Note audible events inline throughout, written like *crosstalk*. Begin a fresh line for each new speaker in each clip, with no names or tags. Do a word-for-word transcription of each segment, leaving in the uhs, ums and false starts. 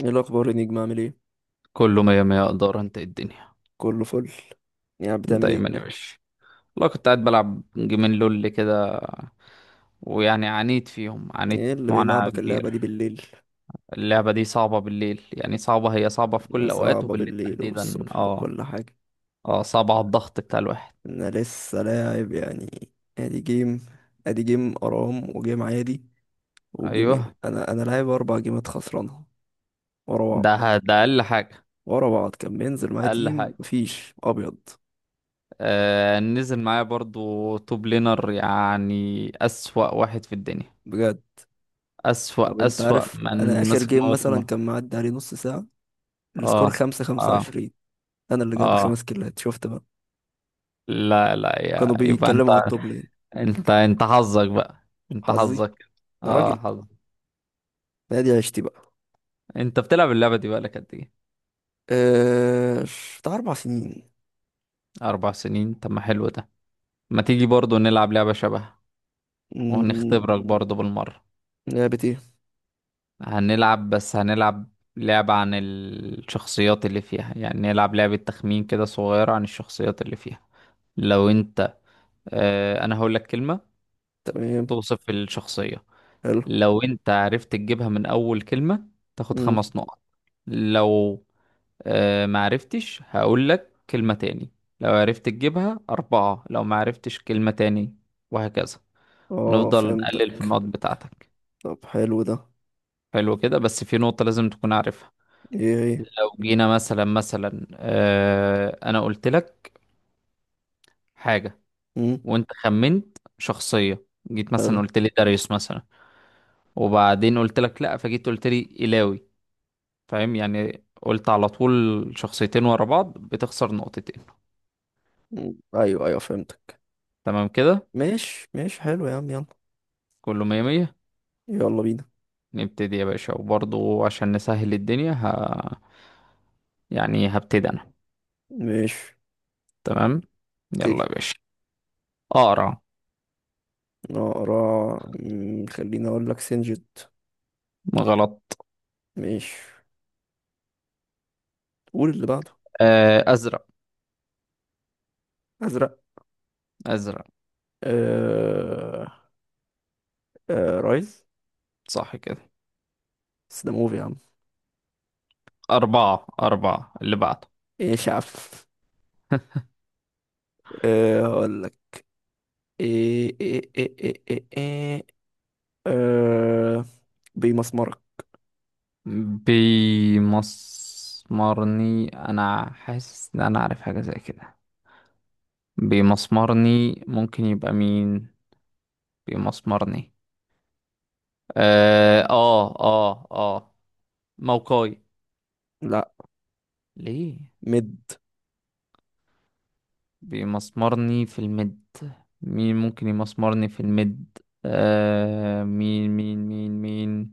ايه الاخبار يا نجم؟ عامل ايه؟
كله مية مية، اقدر. انت إيه الدنيا؟
كله فل. يعني بتعمل ايه
دايما يا
كده؟
باشا. والله كنت قاعد بلعب جيمين لول كده، ويعني عانيت فيهم، عانيت
ايه اللي
معاناة
بيلعبك اللعبه دي
كبيرة.
بالليل؟
اللعبة دي صعبة بالليل، يعني صعبة، هي صعبة في كل
يا
الأوقات،
صعبه
وبالليل
بالليل
تحديدا
والصبح
اه.
وكل حاجه.
اه، صعبة على الضغط بتاع الواحد.
انا لسه لاعب يعني. ادي جيم، ادي جيم ارام وجيم عادي. وجيمين
أيوه.
انا انا لاعب اربع جيمات خسرانها ورا بعض.
ده ده أقل حاجة.
ورا بعض كان بينزل معايا
أقل
تيم،
حاجة.
مفيش ابيض
آه، نزل معايا برضو توب لينر يعني أسوأ واحد في الدنيا.
بجد. طب
أسوأ،
انت
أسوأ
عارف، انا
من
اخر
مسك
جيم مثلا
موسمه.
كان معدي عليه نص ساعه. السكور
اه
خمسة خمسة
اه
وعشرين انا اللي جايب
اه.
خمس كيلات، شفت بقى؟
لا لا، يا
كانوا
يبقى انت،
بيتكلموا على التوب لين.
انت انت حظك بقى. انت
حظي؟
حظك.
يا
اه،
راجل!
حظك.
دي عشتي بقى.
انت بتلعب اللعبة دي بقى لك قد ايه؟
آه... بتاع أربع سنين.
اربع سنين؟ طب ما حلو ده. ما تيجي برضو نلعب لعبة شبهها؟
مم.
وهنختبرك برضو بالمرة.
لعبة ايه؟
هنلعب، بس هنلعب لعبة عن الشخصيات اللي فيها، يعني نلعب لعبة تخمين كده صغيرة عن الشخصيات اللي فيها. لو انت اه انا هقول لك كلمة
تمام.
توصف الشخصية.
حلو.
لو انت عرفت تجيبها من اول كلمة تاخد
مم.
خمس نقط. لو أه معرفتش هقول لك كلمة تاني، لو عرفت تجيبها أربعة، لو معرفتش كلمة تاني وهكذا.
اه،
نفضل نقلل في
فهمتك.
النقط بتاعتك.
طب، حلو ده.
حلو كده، بس في نقطة لازم تكون عارفها.
ايه، ايه.
لو جينا مثلا، مثلا أه أنا قلت لك حاجة
مم.
وأنت خمنت شخصية، جيت
حلو.
مثلا قلت لي داريوس مثلا، وبعدين قلت لك لأ، فجيت قلت لي إيلاوي. فاهم؟ يعني قلت على طول شخصيتين ورا بعض بتخسر نقطتين.
مم. ايوه، ايوه، فهمتك.
تمام كده؟
ماشي، ماشي، حلو يا عم، يلا.
كله مية مية.
يلا بينا.
نبتدي يا باشا، وبرضه عشان نسهل الدنيا ه... يعني هبتدي انا.
ماشي.
تمام. يلا يا
ابتدي.
باشا. اقرا.
نقرا. مم، خليني اقول لك سنجد.
غلط.
ماشي. قول اللي بعده.
آه، ازرق.
ازرق.
ازرق.
آه... آه... رايز.
صح كده.
بس ده موفي يا عم.
اربعة اربعة اللي بعده.
ايه يا شعب؟ أه، هقول لك. ايه ايه ايه ايه ايه, إيه. أه، بمسمرك.
بيمسمرني؟ انا حاسس ان انا عارف حاجة زي كده. بيمسمرني، ممكن يبقى مين؟ بيمسمرني. اه اه اه، آه. موقعي؟
لا.
ليه؟
مد.
بيمسمرني في المد؟ مين ممكن يمسمرني في المد؟ آه، مين مين مين مين.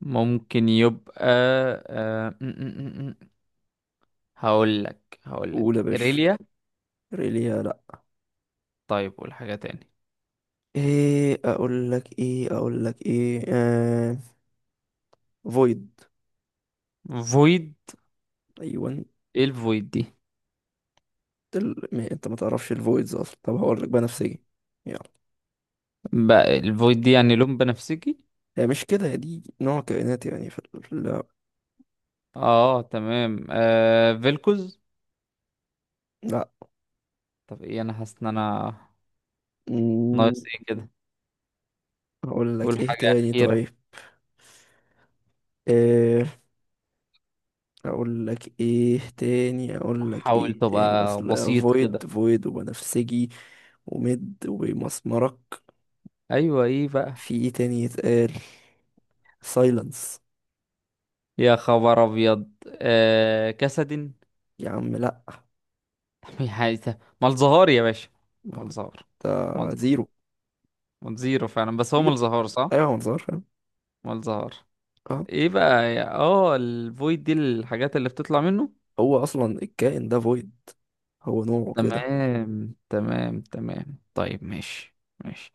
ممكن يبقى؟ آه م- م- م- م. هقول لك هقول
قول
لك
يا باشا.
إيريليا.
ريليا، لا.
طيب قول حاجة تاني.
ايه اقول لك ايه اقول لك ايه أه فويد.
فويد.
ايوه، انت.
ايه الفويد دي؟
ال... ما انت ما تعرفش الفويدز اصلا. طب، هقول لك بنفسجي. يلا.
بقى الفويد دي يعني لون بنفسجي؟
هي مش كده، هي دي نوع كائنات يعني، في ال... لا.
اه تمام. آه، فيلكوز.
لا.
طب ايه، انا حاسس ان انا
مم،
ناقص ايه كده.
هقول لك
قول
ايه
حاجة
تاني؟
أخيرة.
طيب. آه، اقول لك ايه تاني اقول لك
حاول
ايه تاني.
تبقى
اصل
بسيط
فويد،
كده.
فويد وبنفسجي وميد ومسمرك.
ايوه، ايه بقى؟
في ايه تاني يتقال؟ سايلنس.
يا خبر ابيض. آه، كسد *laughs*
يا عم، لا.
حاجة مالزهار يا باشا.
ما.
مالزهار.
ده.
مالزهار.
زيرو.
مالزيرو فعلا، بس هو
زيرو.
مالزهار صح.
ايوه، ما نظهرش.
مالزهار.
اه.
ايه بقى يا اه الفويد دي الحاجات اللي بتطلع منه؟
هو اصلا الكائن ده فويد، هو نوعه كده.
تمام تمام تمام. طيب ماشي. ماشي.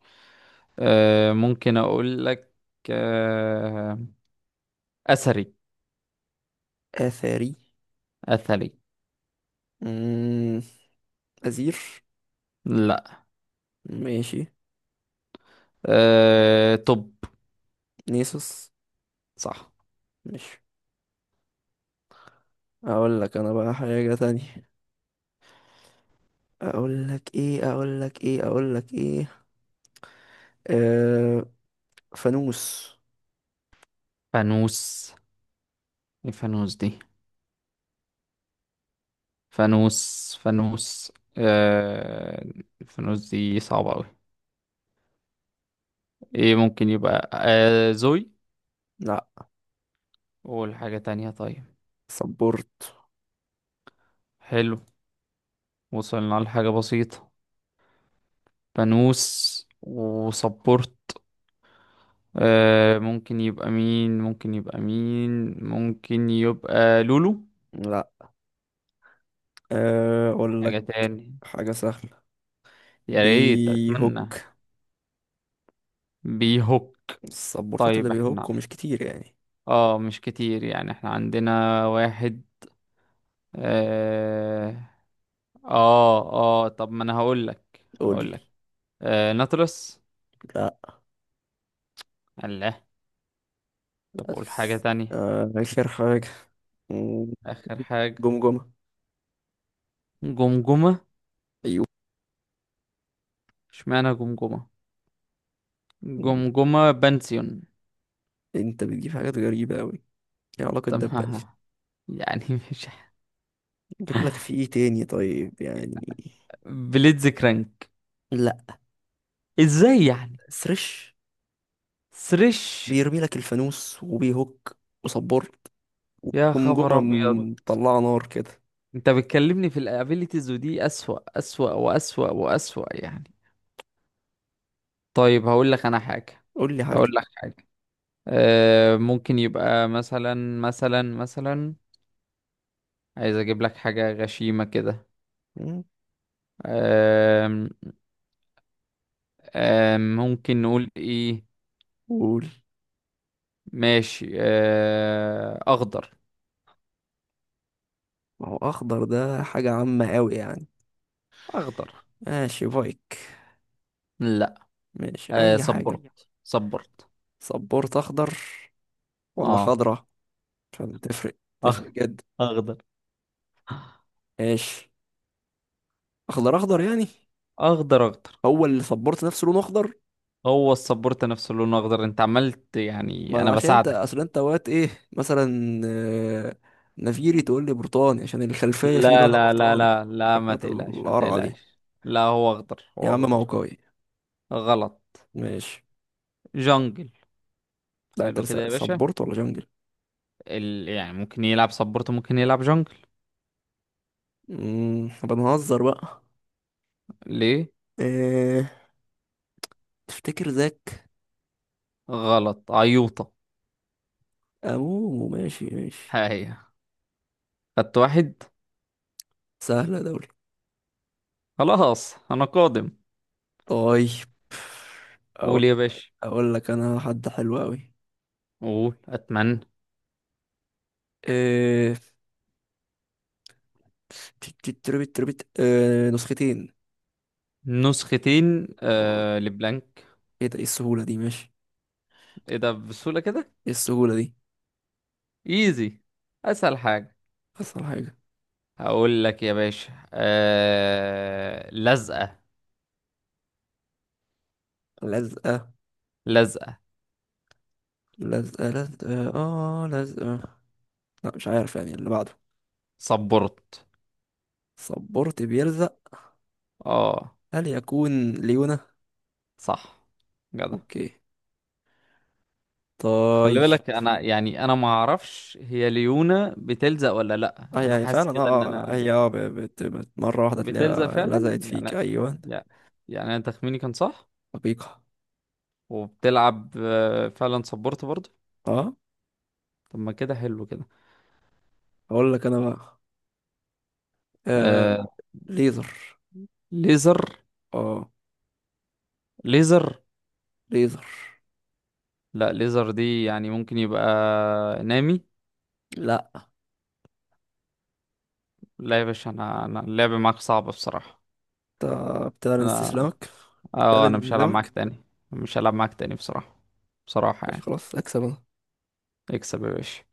آه، ممكن اقول لك. آه، اثري.
اثري.
اثري.
امم ازير.
لا.
ماشي.
آه طب.
نيسوس.
صح.
مش اقول لك انا بقى حاجة تانية. اقول لك ايه اقول لك ايه اقول لك ايه. آه، فانوس.
فانوس. ايه فانوس دي؟ فانوس فانوس. آه، الفانوس دي صعبة أوي. ايه ممكن يبقى؟ آه، زوي.
لا.
والحاجة تانية طيب.
سبورت.
حلو، وصلنا لحاجة بسيطة. فانوس وسبورت. آه، ممكن يبقى مين؟ ممكن يبقى مين؟ ممكن يبقى لولو.
لا. آه، اقول لك
حاجة تاني.
حاجة سهلة.
يا ريت،
بيهوك.
أتمنى. بيهوك.
السبورتات اللي
طيب احنا،
بيهوكوا مش كتير يعني.
اه مش كتير، يعني احنا عندنا واحد. آه. اه اه، طب ما انا هقول لك
قول لي.
هقول لك آه، نطرس.
لا.
الله. طب قول حاجة
بس.
تانية.
آه، آخر حاجة.
اخر حاجة.
جمجمة.
جمجمة.
أيوه.
اشمعنى جمجمة؟ جمجمة بنسيون.
أنت بتجيب حاجات غريبة أوي. إيه علاقة
طب
ده بألف؟
ما- يعني *laughs* مش
أجيب لك في إيه تاني؟ طيب يعني.
بليتز كرانك؟
لا.
ازاي يعني؟
سرش.
سريش.
بيرمي لك الفانوس وبيهوك وصبار
يا خبر
وجمجمة.
ابيض.
مطلعة نار كده.
انت بتكلمني في الابيليتيز، ودي اسوأ اسوأ واسوأ واسوأ يعني. طيب هقول لك انا حاجة.
قول لي
هقول
حاجة.
لك حاجة. آه، ممكن يبقى مثلا، مثلا مثلا عايز اجيب لك حاجة غشيمة كده.
مم،
آم، آم، ممكن نقول ايه؟
قول.
ماشي. آه، اخضر.
ما هو اخضر ده حاجة عامة قوي يعني.
اخضر.
ماشي، بايك؟
لا.
ماشي
آه،
اي حاجة.
صبرت صبرت.
سبورت اخضر ولا
اه.
خضرة؟ عشان تفرق، تفرق
أخ...
جدا.
اخضر.
ماشي. اخضر، اخضر يعني.
اخضر اخضر.
هو اللي سبورت نفسه لونه اخضر؟
هو السبورت نفسه لونه اخضر، انت عملت
ما
يعني
انا
انا
عشان انت،
بساعدك.
اصل انت وقت ايه مثلا، آه، نفيري تقول لي برتقاني عشان الخلفية فيه
لا
لونها
لا لا
برتقاني.
لا لا، ما
حركات
تقلقش ما
القرعة دي.
تقلقش، لا هو اخضر،
يا
هو
عم ما هو
اخضر.
قوي.
غلط.
ماشي.
جونجل.
لا، انت
حلو
لسه
كده يا باشا.
سبورت ولا جنجل؟
ال... يعني ممكن يلعب سبورت، ممكن يلعب جونجل.
امم بنهزر بقى.
ليه؟
إيه؟ تفتكر ذاك؟
غلط عيوطة.
أمومو، ماشي، ماشي.
هاي. خدت واحد.
سهلة دولي.
خلاص انا قادم.
طيب. أقول,
قول يا باشا.
أقول لك أنا حد حلو أوي.
قول اتمنى.
إيه... تربت، تربت، إيه... نسختين.
نسختين؟
أوه.
آه، لبلانك.
إيه ده؟ إيه السهولة دي؟ ماشي.
ايه ده بسهولة كده؟
إيه السهولة دي؟
ايزي، اسهل حاجة.
أصل حاجة.
هقول لك يا باشا، آه... لزقة.
لزقة.
لزقة.
لزقة، لزقة، آه لزقة. لا، مش عارف يعني اللي بعده.
سبورت.
صبرت بيلزق.
اه.
هل يكون ليونة؟
صح. جدع.
أوكي.
خلي
طيب.
بالك، انا يعني انا ما اعرفش هي ليونا بتلزق ولا لا،
اه،
انا
يعني
حاسس
فعلا،
كده ان
اه آه،
انا
هي اه ب- بت... بت... مرة واحدة
بتلزق
تلاقيها
فعلا
لزقت فيك،
يعني.
أيوة.
يعني يعني انا تخميني كان صح.
حقيقة.
وبتلعب آه، فعلا سبورت برضه.
اه.
طب ما كده حلو كده.
اقول لك انا بقى. آه
آه،
ليزر.
ليزر.
اه.
ليزر.
ليزر.
لا، ليزر دي يعني ممكن يبقى نامي.
لا.
لا يا باشا، انا انا اللعب معاك صعب بصراحة.
انت؟ بتعلن
انا،
استسلامك؟
اه،
بتعلن
انا مش هلعب معاك
انهزامك؟
تاني. مش هلعب معاك تاني بصراحة. بصراحة
ماشي،
يعني.
خلاص، اكسب انا.
اكسب يا باشا.